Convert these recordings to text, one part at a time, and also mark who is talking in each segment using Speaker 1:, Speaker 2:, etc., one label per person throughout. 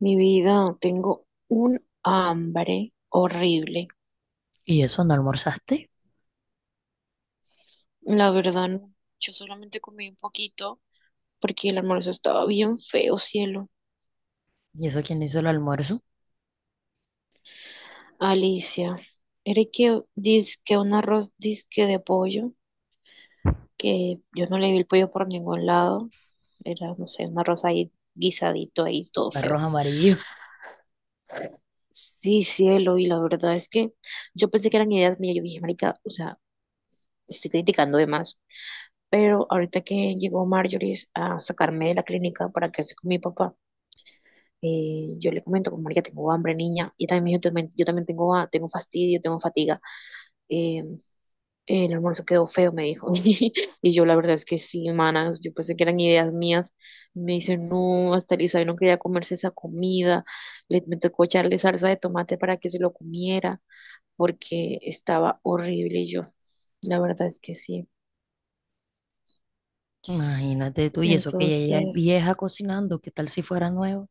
Speaker 1: Mi vida, tengo un hambre horrible.
Speaker 2: ¿Y eso no almorzaste?
Speaker 1: La verdad, no. Yo solamente comí un poquito porque el almuerzo estaba bien feo, cielo.
Speaker 2: ¿Y eso quién le hizo el almuerzo?
Speaker 1: Alicia, era que dizque un arroz disque de pollo, que yo no le vi el pollo por ningún lado. Era, no sé, un arroz ahí guisadito ahí, todo
Speaker 2: Arroz
Speaker 1: feo.
Speaker 2: amarillo.
Speaker 1: Sí, cielo, y la verdad es que yo pensé que eran ideas mías. Yo dije, marica, o sea, estoy criticando de más. Pero ahorita que llegó Marjorie a sacarme de la clínica para quedarse con mi papá, yo le comento como, ya tengo hambre, niña, y también me dijo, yo también tengo, tengo fastidio, tengo fatiga. Eh, el almuerzo quedó feo", me dijo. Y yo la verdad es que sí, manas, yo pensé que eran ideas mías. Me dice, no, hasta Elizabeth no quería comerse esa comida. Me tocó echarle salsa de tomate para que se lo comiera, porque estaba horrible y yo. La verdad es que sí.
Speaker 2: Imagínate tú, y eso que ella ya es
Speaker 1: Entonces,
Speaker 2: vieja cocinando, ¿qué tal si fuera nuevo?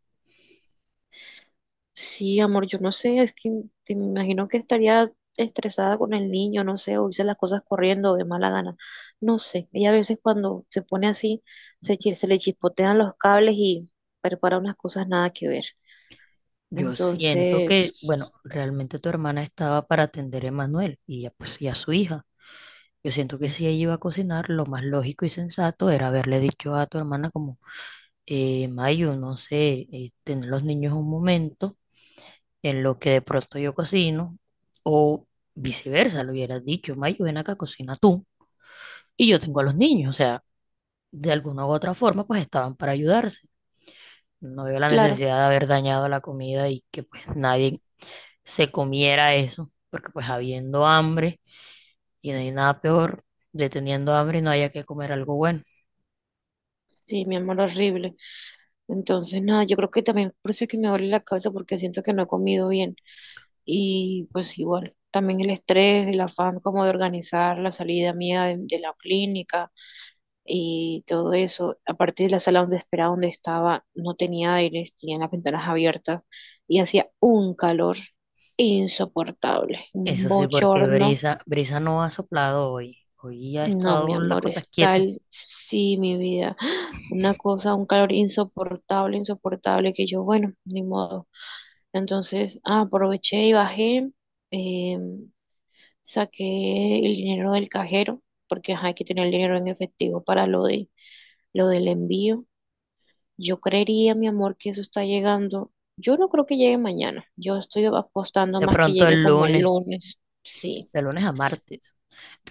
Speaker 1: sí, amor, yo no sé, es que te me imagino que estaría estresada con el niño, no sé, o hice las cosas corriendo de mala gana, no sé. Ella a veces cuando se pone así, se le chispotean los cables y prepara unas cosas nada que ver.
Speaker 2: Yo siento que,
Speaker 1: Entonces,
Speaker 2: bueno, realmente tu hermana estaba para atender a Emanuel y ya, pues y a su hija. Yo siento que si ella iba a cocinar, lo más lógico y sensato era haberle dicho a tu hermana como, Mayo, no sé, tener los niños un momento en lo que de pronto yo cocino, o viceversa, lo hubieras dicho, Mayo, ven acá, cocina tú y yo tengo a los niños, o sea. De alguna u otra forma, pues estaban para ayudarse. No veo la
Speaker 1: claro,
Speaker 2: necesidad de haber dañado la comida y que pues nadie se comiera eso, porque pues habiendo hambre y no hay nada peor de teniendo hambre y no haya que comer algo bueno.
Speaker 1: sí, mi amor, horrible. Entonces, nada, yo creo que también por eso es que me duele la cabeza porque siento que no he comido bien. Y pues igual, también el estrés, el afán como de organizar la salida mía de la clínica y todo eso. Aparte de la sala donde esperaba, donde estaba, no tenía aire, tenían las ventanas abiertas y hacía un calor insoportable, un
Speaker 2: Eso sí, porque
Speaker 1: bochorno.
Speaker 2: Brisa, Brisa no ha soplado hoy. Hoy ha
Speaker 1: No, mi
Speaker 2: estado las
Speaker 1: amor,
Speaker 2: cosas
Speaker 1: es
Speaker 2: quietas.
Speaker 1: tal, sí, mi vida. Una cosa, un calor insoportable, insoportable, que yo, bueno, ni modo. Entonces, ah, aproveché y bajé, eh, saqué el dinero del cajero, porque ajá, hay que tener el dinero en efectivo para lo del envío. Yo creería, mi amor, que eso está llegando. Yo no creo que llegue mañana. Yo estoy apostando
Speaker 2: De
Speaker 1: más que
Speaker 2: pronto
Speaker 1: llegue
Speaker 2: el
Speaker 1: como el
Speaker 2: lunes,
Speaker 1: lunes. Sí.
Speaker 2: de lunes a martes.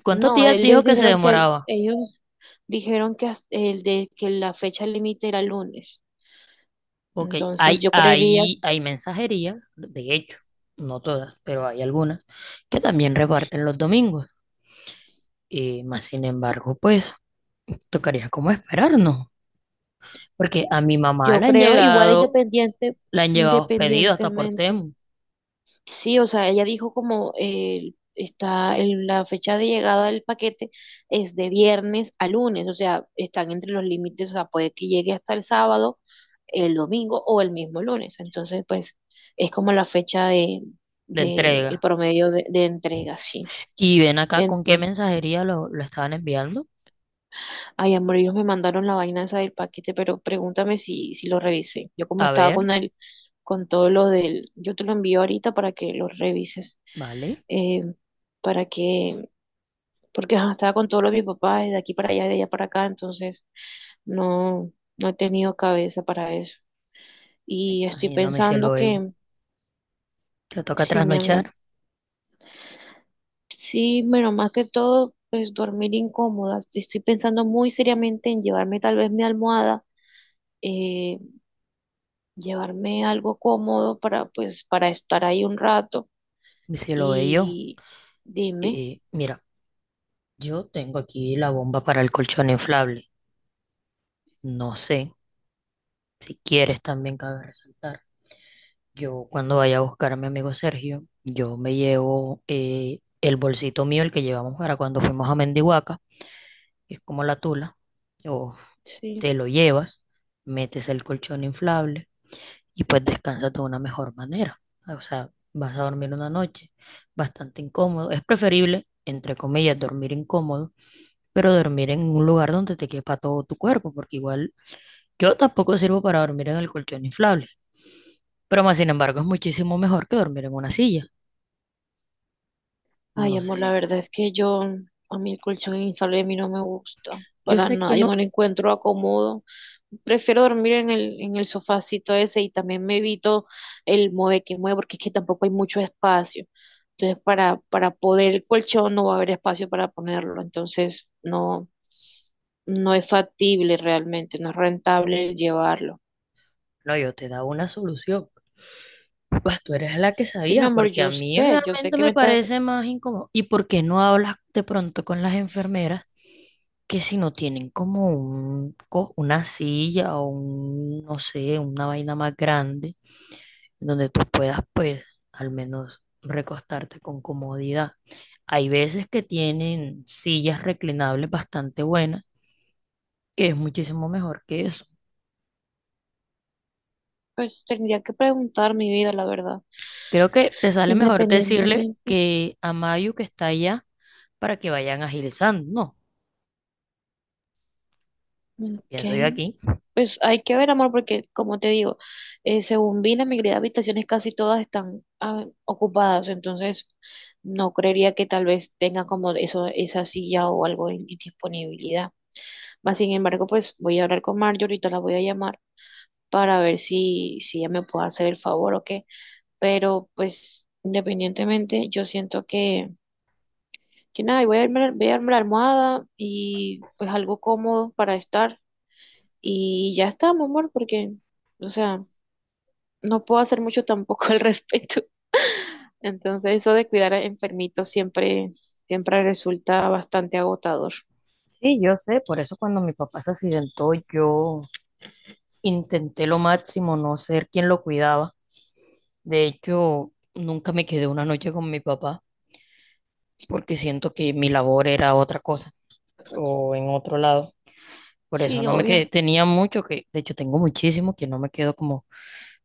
Speaker 2: ¿Cuántos
Speaker 1: No,
Speaker 2: días
Speaker 1: ellos
Speaker 2: dijo que se
Speaker 1: dijeron que el-
Speaker 2: demoraba?
Speaker 1: ellos dijeron que hasta- el de que la fecha límite era lunes.
Speaker 2: Ok,
Speaker 1: Entonces
Speaker 2: hay,
Speaker 1: yo creería,
Speaker 2: hay, hay mensajerías, de hecho, no todas, pero hay algunas que también reparten los domingos. Más sin embargo, pues tocaría como esperarnos, porque a mi mamá
Speaker 1: yo creo igual
Speaker 2: le han llegado pedidos hasta por
Speaker 1: independientemente.
Speaker 2: Temu
Speaker 1: Sí, o sea, ella dijo como está el- la fecha de llegada del paquete es de viernes a lunes, o sea, están entre los límites, o sea, puede que llegue hasta el sábado, el domingo o el mismo lunes. Entonces, pues, es como la fecha
Speaker 2: de
Speaker 1: de el
Speaker 2: entrega.
Speaker 1: promedio de entrega, sí.
Speaker 2: Y ven acá con qué
Speaker 1: Entonces,
Speaker 2: mensajería lo estaban enviando.
Speaker 1: ay, amor, ellos me mandaron la vaina esa del paquete, pero pregúntame si, si lo revisé. Yo como
Speaker 2: A
Speaker 1: estaba
Speaker 2: ver,
Speaker 1: con el, con todo lo del, yo te lo envío ahorita para que lo revises.
Speaker 2: vale,
Speaker 1: Eh, para que porque ajá, estaba con todo lo de mi papá, y de aquí para allá, de allá para acá, entonces no, no he tenido cabeza para eso. Y estoy
Speaker 2: imagino mi cielo
Speaker 1: pensando
Speaker 2: bello.
Speaker 1: que,
Speaker 2: Te toca
Speaker 1: sí, mi amor,
Speaker 2: trasnochar,
Speaker 1: sí, bueno, más que todo, pues dormir incómoda. Estoy pensando muy seriamente en llevarme tal vez mi almohada, eh, llevarme algo cómodo para, pues, para estar ahí un rato.
Speaker 2: mi cielo bello.
Speaker 1: Y dime,
Speaker 2: Mira, yo tengo aquí la bomba para el colchón inflable. No sé. Si quieres, también cabe resaltar, yo cuando vaya a buscar a mi amigo Sergio, yo me llevo el bolsito mío, el que llevamos para cuando fuimos a Mendihuaca, que es como la tula, o
Speaker 1: sí.
Speaker 2: te lo llevas, metes el colchón inflable y pues descansas de una mejor manera. O sea, vas a dormir una noche bastante incómodo. Es preferible, entre comillas, dormir incómodo, pero dormir en un lugar donde te quepa todo tu cuerpo, porque igual yo tampoco sirvo para dormir en el colchón inflable. Pero más sin embargo, es muchísimo mejor que dormir en una silla.
Speaker 1: Ay,
Speaker 2: No
Speaker 1: amor,
Speaker 2: sé.
Speaker 1: la verdad es que yo, a mí el colchón inflable a mí no me gusta
Speaker 2: Yo
Speaker 1: para
Speaker 2: sé que
Speaker 1: nada, yo no
Speaker 2: no.
Speaker 1: le encuentro acomodo. Prefiero dormir en en el sofacito ese y también me evito el mueve que mueve porque es que tampoco hay mucho espacio. Entonces, para poder el colchón no va a haber espacio para ponerlo, entonces no, no es factible realmente, no es rentable el llevarlo.
Speaker 2: No, yo te daba una solución. Pues tú eres la que
Speaker 1: Sí, mi
Speaker 2: sabías,
Speaker 1: amor,
Speaker 2: porque a mí
Speaker 1: yo sé
Speaker 2: realmente
Speaker 1: que
Speaker 2: me
Speaker 1: me está,
Speaker 2: parece más incómodo. ¿Y por qué no hablas de pronto con las enfermeras que si no tienen como un, co- una silla o un, no sé, una vaina más grande, donde tú puedas, pues, al menos recostarte con comodidad? Hay veces que tienen sillas reclinables bastante buenas, que es muchísimo mejor que eso.
Speaker 1: pues tendría que preguntar mi vida, la verdad,
Speaker 2: Creo que te sale mejor decirle
Speaker 1: independientemente.
Speaker 2: que a Mayu que está allá para que vayan agilizando, ¿no? O sea,
Speaker 1: Ok,
Speaker 2: pienso yo aquí.
Speaker 1: pues hay que ver, amor, porque como te digo, según vi, la mayoría de habitaciones casi todas están ah, ocupadas, entonces no creería que tal vez tenga como eso, esa silla o algo en disponibilidad. Más sin embargo, pues voy a hablar con Marjorie, ahorita la voy a llamar para ver si, si ella me puede hacer el favor o qué, pero pues independientemente, yo siento que nada, y voy a armar la almohada y pues algo cómodo para estar. Y ya está, mi amor, porque, o sea, no puedo hacer mucho tampoco al respecto. Entonces, eso de cuidar a enfermitos siempre, siempre resulta bastante agotador.
Speaker 2: Sí, yo sé, por eso cuando mi papá se accidentó, yo intenté lo máximo no ser quien lo cuidaba. De hecho, nunca me quedé una noche con mi papá porque siento que mi labor era otra cosa o en otro lado. Por eso
Speaker 1: Sí,
Speaker 2: no me quedé.
Speaker 1: obvio.
Speaker 2: Tenía mucho que, de hecho, tengo muchísimo que no me quedo como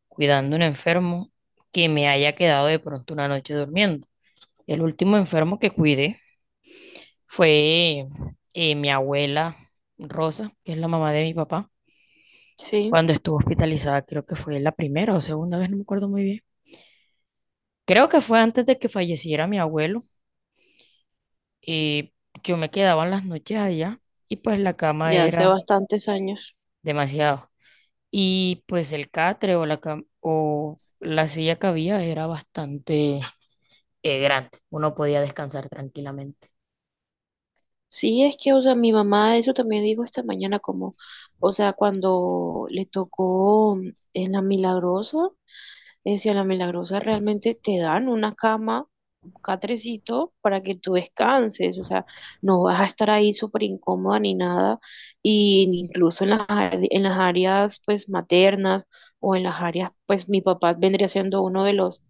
Speaker 2: cuidando un enfermo que me haya quedado de pronto una noche durmiendo. El último enfermo que cuidé fue mi abuela Rosa, que es la mamá de mi papá,
Speaker 1: Sí,
Speaker 2: cuando estuvo hospitalizada, creo que fue la primera o segunda vez, no me acuerdo muy bien. Creo que fue antes de que falleciera mi abuelo. Y yo me quedaba en las noches allá y pues la cama
Speaker 1: ya hace
Speaker 2: era
Speaker 1: bastantes años.
Speaker 2: demasiado. Y pues el catre o la, cam- o la silla que había era bastante grande. Uno podía descansar tranquilamente.
Speaker 1: Sí, es que, o sea, mi mamá eso también dijo esta mañana, como, o sea, cuando le tocó en la Milagrosa, decía, en la Milagrosa realmente te dan una cama catrecito para que tú descanses, o sea, no vas a estar ahí súper incómoda ni nada, y incluso en las, ar- en las áreas pues maternas o en las áreas pues mi papá vendría siendo uno de los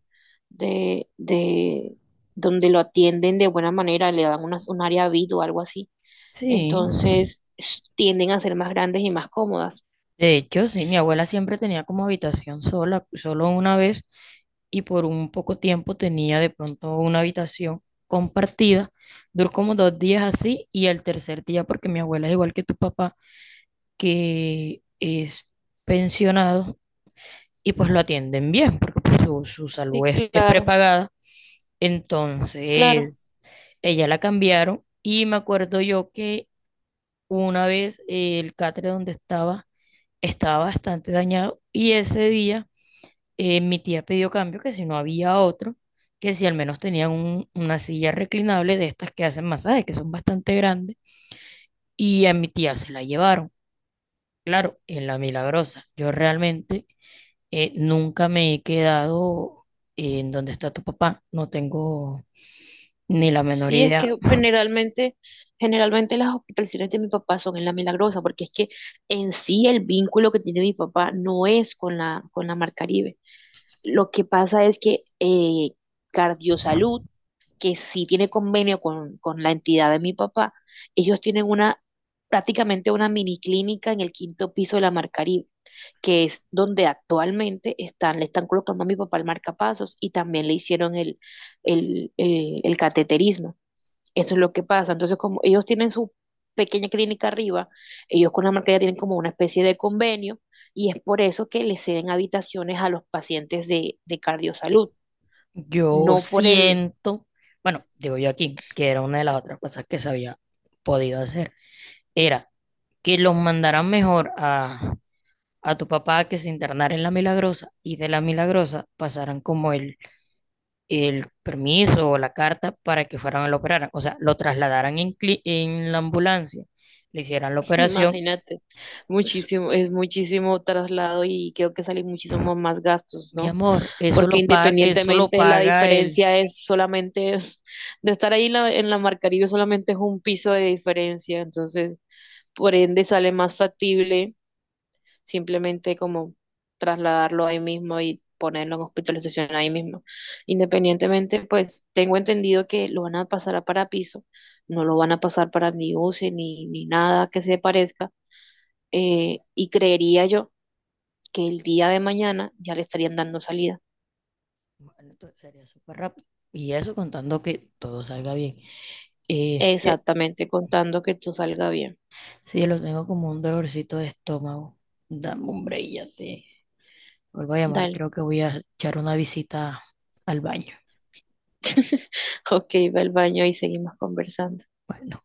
Speaker 1: de donde lo atienden de buena manera, le dan unas, un área VIP o algo así,
Speaker 2: Sí,
Speaker 1: entonces s- tienden a ser más grandes y más cómodas.
Speaker 2: de hecho, sí, mi abuela siempre tenía como habitación sola, solo una vez, y por un poco tiempo tenía de pronto una habitación compartida. Duró como dos días así, y el tercer día, porque mi abuela es igual que tu papá, que es pensionado, y pues lo atienden bien, porque pues, su salud
Speaker 1: Sí,
Speaker 2: es
Speaker 1: claro,
Speaker 2: prepagada.
Speaker 1: claro.
Speaker 2: Entonces, ella la cambiaron, y me acuerdo yo que una vez el catre donde estaba, estaba bastante dañado y ese día mi tía pidió cambio, que si no había otro, que si al menos tenían un- una silla reclinable de estas que hacen masajes, que son bastante grandes, y a mi tía se la llevaron. Claro, en la Milagrosa. Yo realmente nunca me he quedado en donde está tu papá, no tengo ni la menor
Speaker 1: Sí, es
Speaker 2: idea.
Speaker 1: que generalmente, generalmente las hospitalizaciones de mi papá son en la Milagrosa, porque es que en sí el vínculo que tiene mi papá no es con la Mar Caribe. Lo que pasa es que Cardiosalud, que sí tiene convenio con la entidad de mi papá, ellos tienen una, prácticamente una mini clínica en el quinto piso de la Mar Caribe, que es donde actualmente están, le están colocando a mi papá el marcapasos y también le hicieron el cateterismo. Eso es lo que pasa. Entonces, como ellos tienen su pequeña clínica arriba, ellos con la marca ya tienen como una especie de convenio y es por eso que les ceden habitaciones a los pacientes de Cardiosalud,
Speaker 2: Yo
Speaker 1: no por el,
Speaker 2: siento, bueno, digo yo aquí, que era una de las otras cosas que se había podido hacer. Era que los mandaran mejor a tu papá a que se internara en la Milagrosa y de la Milagrosa pasaran como el permiso o la carta para que fueran a lo operaran. O sea, lo trasladaran en, cli- en la ambulancia, le hicieran la operación.
Speaker 1: imagínate,
Speaker 2: Pues,
Speaker 1: muchísimo, es muchísimo traslado y creo que salen muchísimos más gastos,
Speaker 2: mi
Speaker 1: ¿no?
Speaker 2: amor, eso
Speaker 1: Porque
Speaker 2: lo paga, eso lo
Speaker 1: independientemente la
Speaker 2: paga el...
Speaker 1: diferencia es solamente, es- de estar ahí la- en la Marcaribe solamente es un piso de diferencia, entonces por ende sale más factible simplemente como trasladarlo ahí mismo y ponerlo en hospitalización ahí mismo. Independientemente, pues tengo entendido que lo van a pasar a parapiso, no lo van a pasar para ni UCI ni, ni nada que se parezca, y creería yo que el día de mañana ya le estarían dando salida,
Speaker 2: Bueno, entonces sería súper rápido. Y eso contando que todo salga bien. Sí,
Speaker 1: exactamente contando que tú salga bien.
Speaker 2: sí, lo tengo como un dolorcito de estómago. Dame un break, ya te... Vuelvo a llamar,
Speaker 1: Dale.
Speaker 2: creo que voy a echar una visita al baño.
Speaker 1: Ok, va al baño y seguimos conversando.
Speaker 2: Bueno.